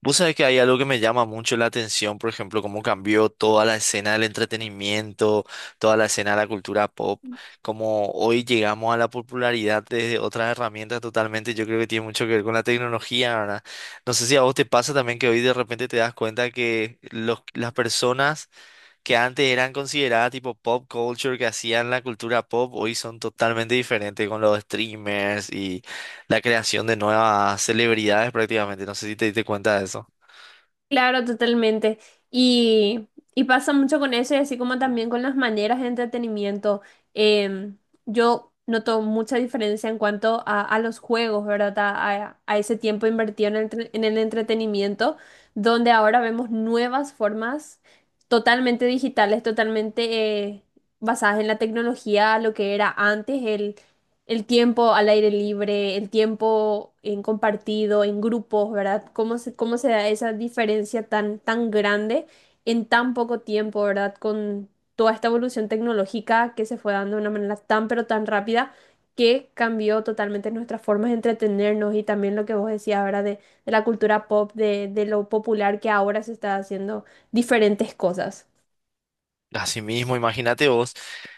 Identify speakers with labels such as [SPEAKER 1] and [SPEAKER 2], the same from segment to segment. [SPEAKER 1] Vos sabés que hay algo que me llama mucho la atención, por ejemplo, cómo cambió toda la escena del entretenimiento, toda la escena de la cultura pop, cómo hoy llegamos a la popularidad desde otras herramientas totalmente. Yo creo que tiene mucho que ver con la tecnología, ¿verdad? No sé si a vos te pasa también que hoy de repente te das cuenta que las personas que antes eran consideradas tipo pop culture, que hacían la cultura pop, hoy son totalmente diferentes con los streamers y la creación de nuevas celebridades prácticamente. No sé si te diste cuenta de eso.
[SPEAKER 2] Claro, totalmente. Y, y pasa mucho con eso y así como también con las maneras de entretenimiento. Em, yo noto mucha diferencia en cuanto a los juegos, ¿verdad? A ese tiempo invertido en en el entretenimiento, donde ahora vemos nuevas formas totalmente digitales, totalmente basadas en la tecnología, lo que era antes el tiempo al aire libre, el tiempo en compartido, en grupos, ¿verdad? ¿Cómo se da esa diferencia tan, tan grande en tan poco tiempo? ¿Verdad? Con toda esta evolución tecnológica que se fue dando de una manera tan, pero tan rápida, que cambió totalmente nuestras formas de entretenernos y también lo que vos decías, ahora de la cultura pop, de lo popular, que ahora se está haciendo diferentes cosas.
[SPEAKER 1] Así mismo, imagínate vos.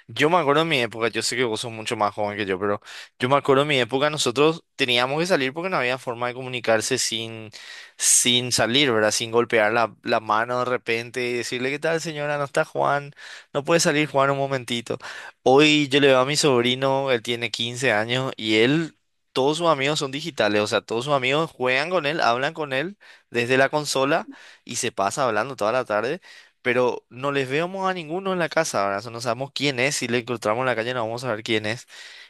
[SPEAKER 1] Yo me acuerdo en mi época, yo sé que vos sos mucho más joven que yo, pero yo me acuerdo en mi época nosotros teníamos que salir porque no había forma de comunicarse sin salir, ¿verdad? Sin golpear la mano de repente y decirle, ¿qué tal, señora? No está Juan, no puede salir Juan un momentito. Hoy yo le veo a mi sobrino, él tiene 15 años y él, todos sus amigos son digitales, o sea, todos sus amigos juegan con él, hablan con él desde la consola y se pasa hablando toda la tarde pero no les vemos a ninguno en la casa, ¿verdad? O sea, no sabemos quién es, si le encontramos en la calle no vamos a saber quién es.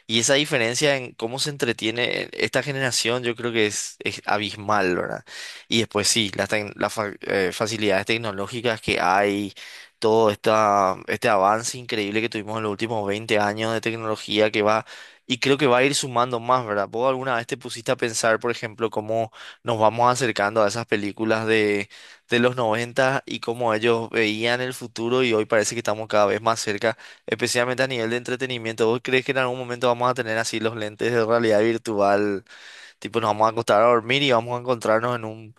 [SPEAKER 1] Y esa diferencia en cómo se entretiene esta generación yo creo que es abismal, ¿verdad? Y después sí, las, tec- las fa- facilidades tecnológicas que hay, este avance increíble que tuvimos en los últimos 20 años de tecnología que va... Y creo que va a ir sumando más, ¿verdad? ¿Vos alguna vez te pusiste a pensar, por ejemplo, cómo nos vamos acercando a esas películas de los 90 y cómo ellos veían el futuro y hoy parece que estamos cada vez más cerca, especialmente a nivel de entretenimiento? ¿Vos crees que en algún momento vamos a tener así los lentes de realidad virtual? Tipo, nos vamos a acostar a dormir y vamos a encontrarnos en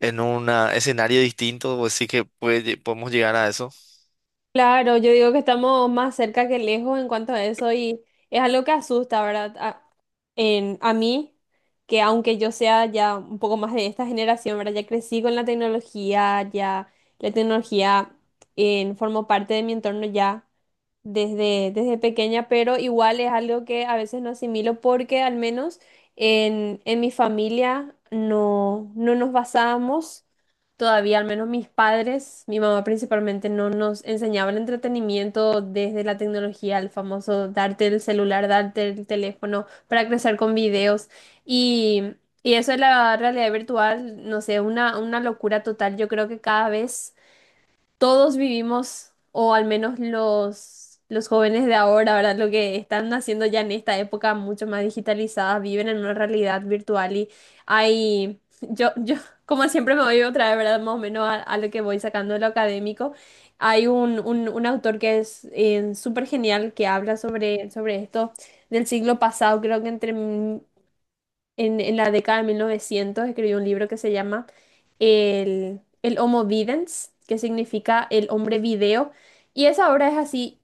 [SPEAKER 1] en un escenario distinto. Pues sí que podemos llegar a eso.
[SPEAKER 2] Claro, yo digo que estamos más cerca que lejos en cuanto a eso y es algo que asusta, ¿verdad? A mí, que aunque yo sea ya un poco más de esta generación, ¿verdad? Ya crecí con la tecnología, ya la tecnología formó parte de mi entorno ya desde pequeña, pero igual es algo que a veces no asimilo porque al menos en mi familia no nos basábamos todavía, al menos mis padres, mi mamá principalmente, no nos enseñaba el entretenimiento desde la tecnología, el famoso darte el celular, darte el teléfono para crecer con videos y... Y eso es la realidad virtual, no sé, una locura total. Yo creo que cada vez todos vivimos, o al menos los jóvenes de ahora, ¿verdad? Lo que están haciendo ya en esta época mucho más digitalizada, viven en una realidad virtual y hay, yo, como siempre me voy otra vez, ¿verdad? Más o menos a lo que voy sacando de lo académico. Hay un autor que es súper genial, que habla sobre, sobre esto del siglo pasado. Creo que entre en la década de 1900 escribió un libro que se llama el Homo Videns, que significa el hombre video. Y esa obra es así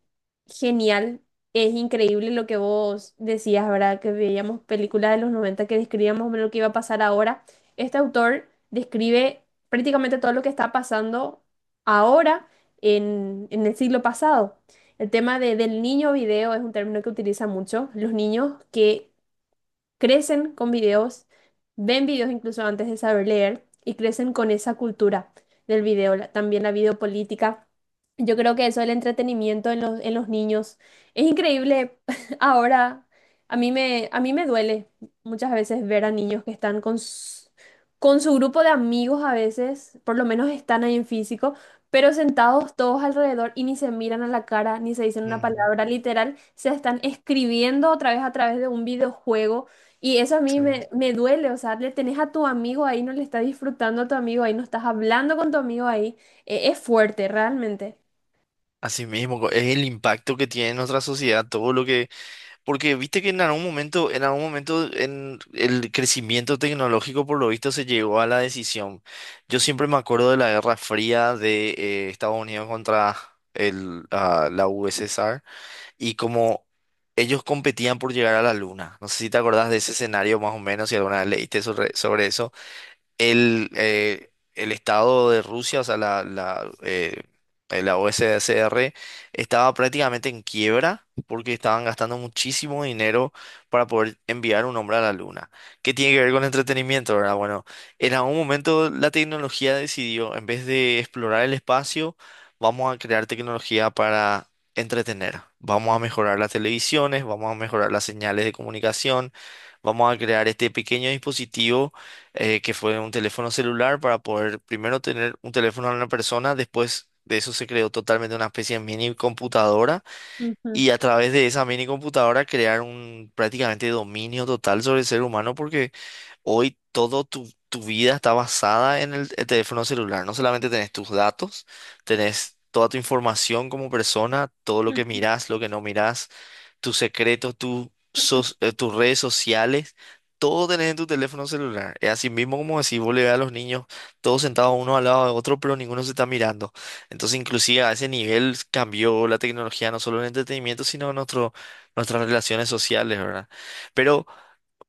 [SPEAKER 2] genial, es increíble lo que vos decías, ¿verdad? Que veíamos películas de los 90 que describíamos más o menos lo que iba a pasar ahora. Este autor describe prácticamente todo lo que está pasando ahora en el siglo pasado. El tema del niño video es un término que utiliza mucho. Los niños que crecen con videos, ven videos incluso antes de saber leer y crecen con esa cultura del video, también la videopolítica. Yo creo que eso del entretenimiento en los niños es increíble. Ahora, a mí me duele muchas veces ver a niños que están con su grupo de amigos a veces, por lo menos están ahí en físico, pero sentados todos alrededor, y ni se miran a la cara, ni se dicen una
[SPEAKER 1] Ujú,
[SPEAKER 2] palabra literal, se están escribiendo otra vez a través de un videojuego. Y eso
[SPEAKER 1] sí.
[SPEAKER 2] me duele. O sea, le tenés a tu amigo ahí, no le estás disfrutando a tu amigo ahí, no estás hablando con tu amigo ahí. Es fuerte, realmente.
[SPEAKER 1] Así mismo, es el impacto que tiene en nuestra sociedad, todo lo que... Porque viste que en algún momento, en algún momento en el crecimiento tecnológico, por lo visto, se llegó a la decisión. Yo siempre me acuerdo de la Guerra Fría de Estados Unidos contra la USSR y como ellos competían por llegar a la Luna. No sé si te acordás de ese escenario más o menos, si alguna vez leíste sobre eso, el Estado de Rusia, o sea, la OSCR, estaba prácticamente en quiebra porque estaban gastando muchísimo dinero para poder enviar un hombre a la luna. ¿Qué tiene que ver con entretenimiento, verdad? Bueno, en algún momento la tecnología decidió, en vez de explorar el espacio, vamos a crear tecnología para entretener. Vamos a mejorar las televisiones, vamos a mejorar las señales de comunicación, vamos a crear este pequeño dispositivo que fue un teléfono celular para poder primero tener un teléfono a una persona. Después de eso se creó totalmente una especie de mini computadora
[SPEAKER 2] Ujú.
[SPEAKER 1] y a través de esa mini computadora crear un prácticamente dominio total sobre el ser humano, porque hoy todo tu vida está basada en el teléfono celular. No solamente tenés tus datos, tenés... Toda tu información como persona, todo lo que mirás, lo que no mirás, tus secretos, tus redes sociales, todo tenés en tu teléfono celular. Es así mismo como decís, vos le ves a los niños todos sentados uno al lado de otro, pero ninguno se está mirando. Entonces, inclusive a ese nivel cambió la tecnología, no solo en entretenimiento, sino en nuestras relaciones sociales, ¿verdad? Pero,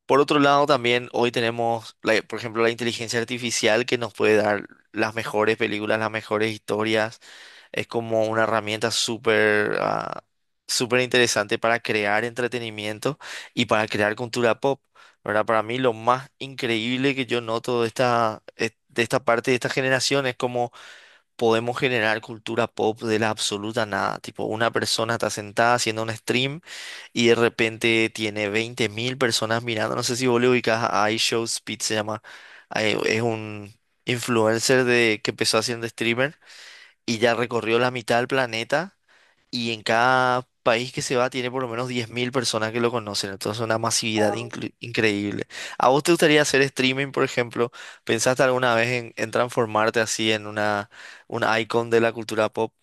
[SPEAKER 1] por otro lado, también hoy tenemos, por ejemplo, la inteligencia artificial que nos puede dar las mejores películas, las mejores historias. Es como una herramienta súper interesante para crear entretenimiento y para crear cultura pop, ¿verdad? Para mí lo más increíble que yo noto de de esta parte de esta generación es cómo podemos generar cultura pop de la absoluta nada. Tipo, una persona está sentada haciendo un stream y de repente tiene 20.000 personas mirando. No sé si vos le ubicás a iShowSpeed, se llama. Es un influencer de, que empezó haciendo streamer y ya recorrió la mitad del planeta, y en cada país que se va tiene por lo menos 10.000 personas que lo conocen. Entonces, una masividad increíble. ¿A vos te gustaría hacer streaming, por ejemplo? ¿Pensaste alguna vez en transformarte así en un icon de la cultura pop?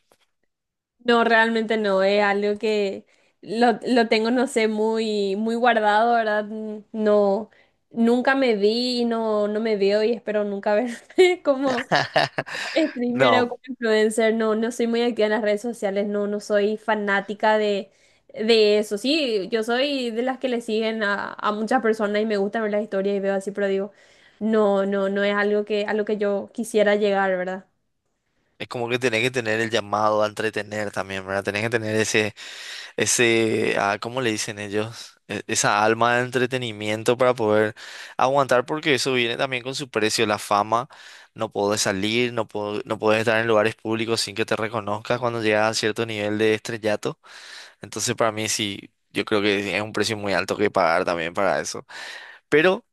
[SPEAKER 2] No, realmente no. Es algo que lo tengo, no sé, muy, muy guardado, ¿verdad? No, nunca me vi y no, no me veo, y espero nunca ver como Streamer o
[SPEAKER 1] No,
[SPEAKER 2] como influencer. No, no soy muy activa en las redes sociales, no, no soy fanática de eso. Sí, yo soy de las que le siguen a muchas personas y me gusta ver las historias y veo así, pero digo, no, no, no es algo que, a lo que yo quisiera llegar, ¿verdad?
[SPEAKER 1] es como que tenés que tener el llamado a entretener también, ¿verdad? Tenés que tener ese, ¿cómo le dicen ellos? Esa alma de entretenimiento para poder aguantar, porque eso viene también con su precio, la fama. No podés salir, no podés estar en lugares públicos sin que te reconozcas cuando llegas a cierto nivel de estrellato. Entonces, para mí sí, yo creo que es un precio muy alto que pagar también para eso. Pero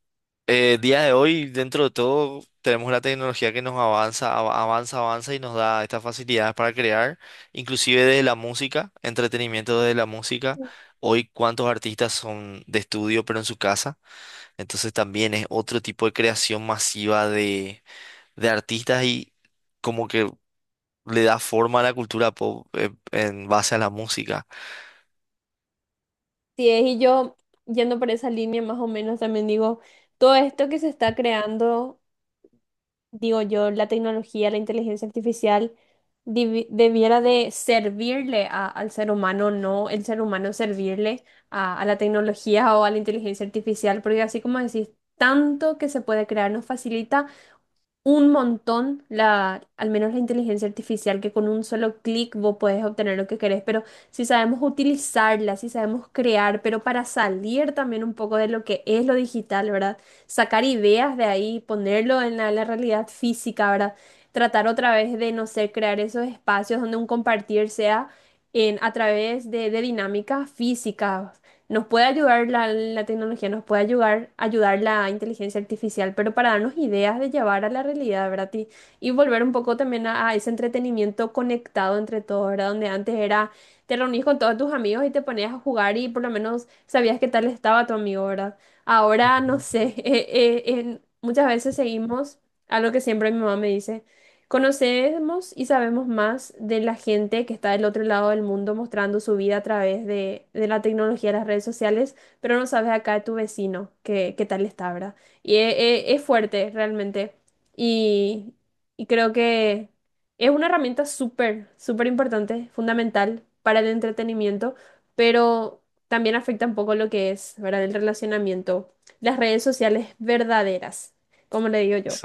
[SPEAKER 1] día de hoy, dentro de todo, tenemos la tecnología que nos avanza, avanza, avanza y nos da estas facilidades para crear, inclusive desde la música, entretenimiento desde la música. Hoy, cuántos artistas son de estudio, pero en su casa. Entonces también es otro tipo de creación masiva de artistas y como que le da forma a la cultura pop, en base a la música.
[SPEAKER 2] Sí, es, y yo, yendo por esa línea más o menos, también digo, todo esto que se está creando. Digo yo, la tecnología, la inteligencia artificial debiera de servirle al ser humano, no el ser humano servirle a la tecnología o a la inteligencia artificial, porque así como decís, tanto que se puede crear nos facilita un montón la, al menos la inteligencia artificial, que con un solo clic vos podés obtener lo que querés. Pero si sabemos utilizarla, si sabemos crear, pero para salir también un poco de lo que es lo digital, ¿verdad? Sacar ideas de ahí, ponerlo en la realidad física, ¿verdad? Tratar otra vez de, no sé, crear esos espacios donde un compartir sea a través de dinámicas físicas. Nos puede ayudar la tecnología, nos puede ayudar, ayudar la inteligencia artificial, pero para darnos ideas de llevar a la realidad, ¿verdad? Y volver un poco también a ese entretenimiento conectado entre todos, ¿verdad? Donde antes era, te reunís con todos tus amigos y te ponías a jugar y por lo menos sabías qué tal estaba tu amigo, ¿verdad? Ahora, no
[SPEAKER 1] Ujú.
[SPEAKER 2] sé, muchas veces seguimos algo que siempre mi mamá me dice. Conocemos y sabemos más de la gente que está del otro lado del mundo mostrando su vida a través de la tecnología de las redes sociales, pero no sabes acá de tu vecino qué, qué tal está, ¿verdad? Y e- es, fuerte realmente. Y, y creo que es una herramienta súper, súper importante, fundamental para el entretenimiento, pero también afecta un poco lo que es, ¿verdad? El relacionamiento, las redes sociales verdaderas, como le digo yo.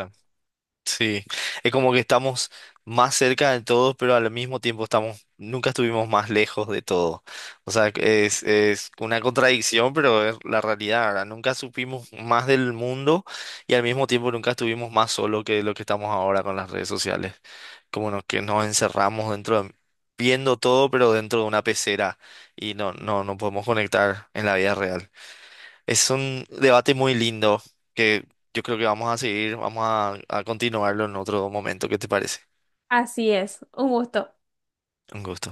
[SPEAKER 1] Sí, es como que estamos más cerca de todo, pero al mismo tiempo nunca estuvimos más lejos de todo. O sea, es una contradicción, pero es la realidad, ¿verdad? Nunca supimos más del mundo y al mismo tiempo nunca estuvimos más solos que lo que estamos ahora con las redes sociales. Que nos encerramos viendo todo, pero dentro de una pecera y no podemos conectar en la vida real. Es un debate muy lindo que yo creo que vamos a seguir, a continuarlo en otro momento. ¿Qué te parece?
[SPEAKER 2] Así es, un gusto.
[SPEAKER 1] Un gusto.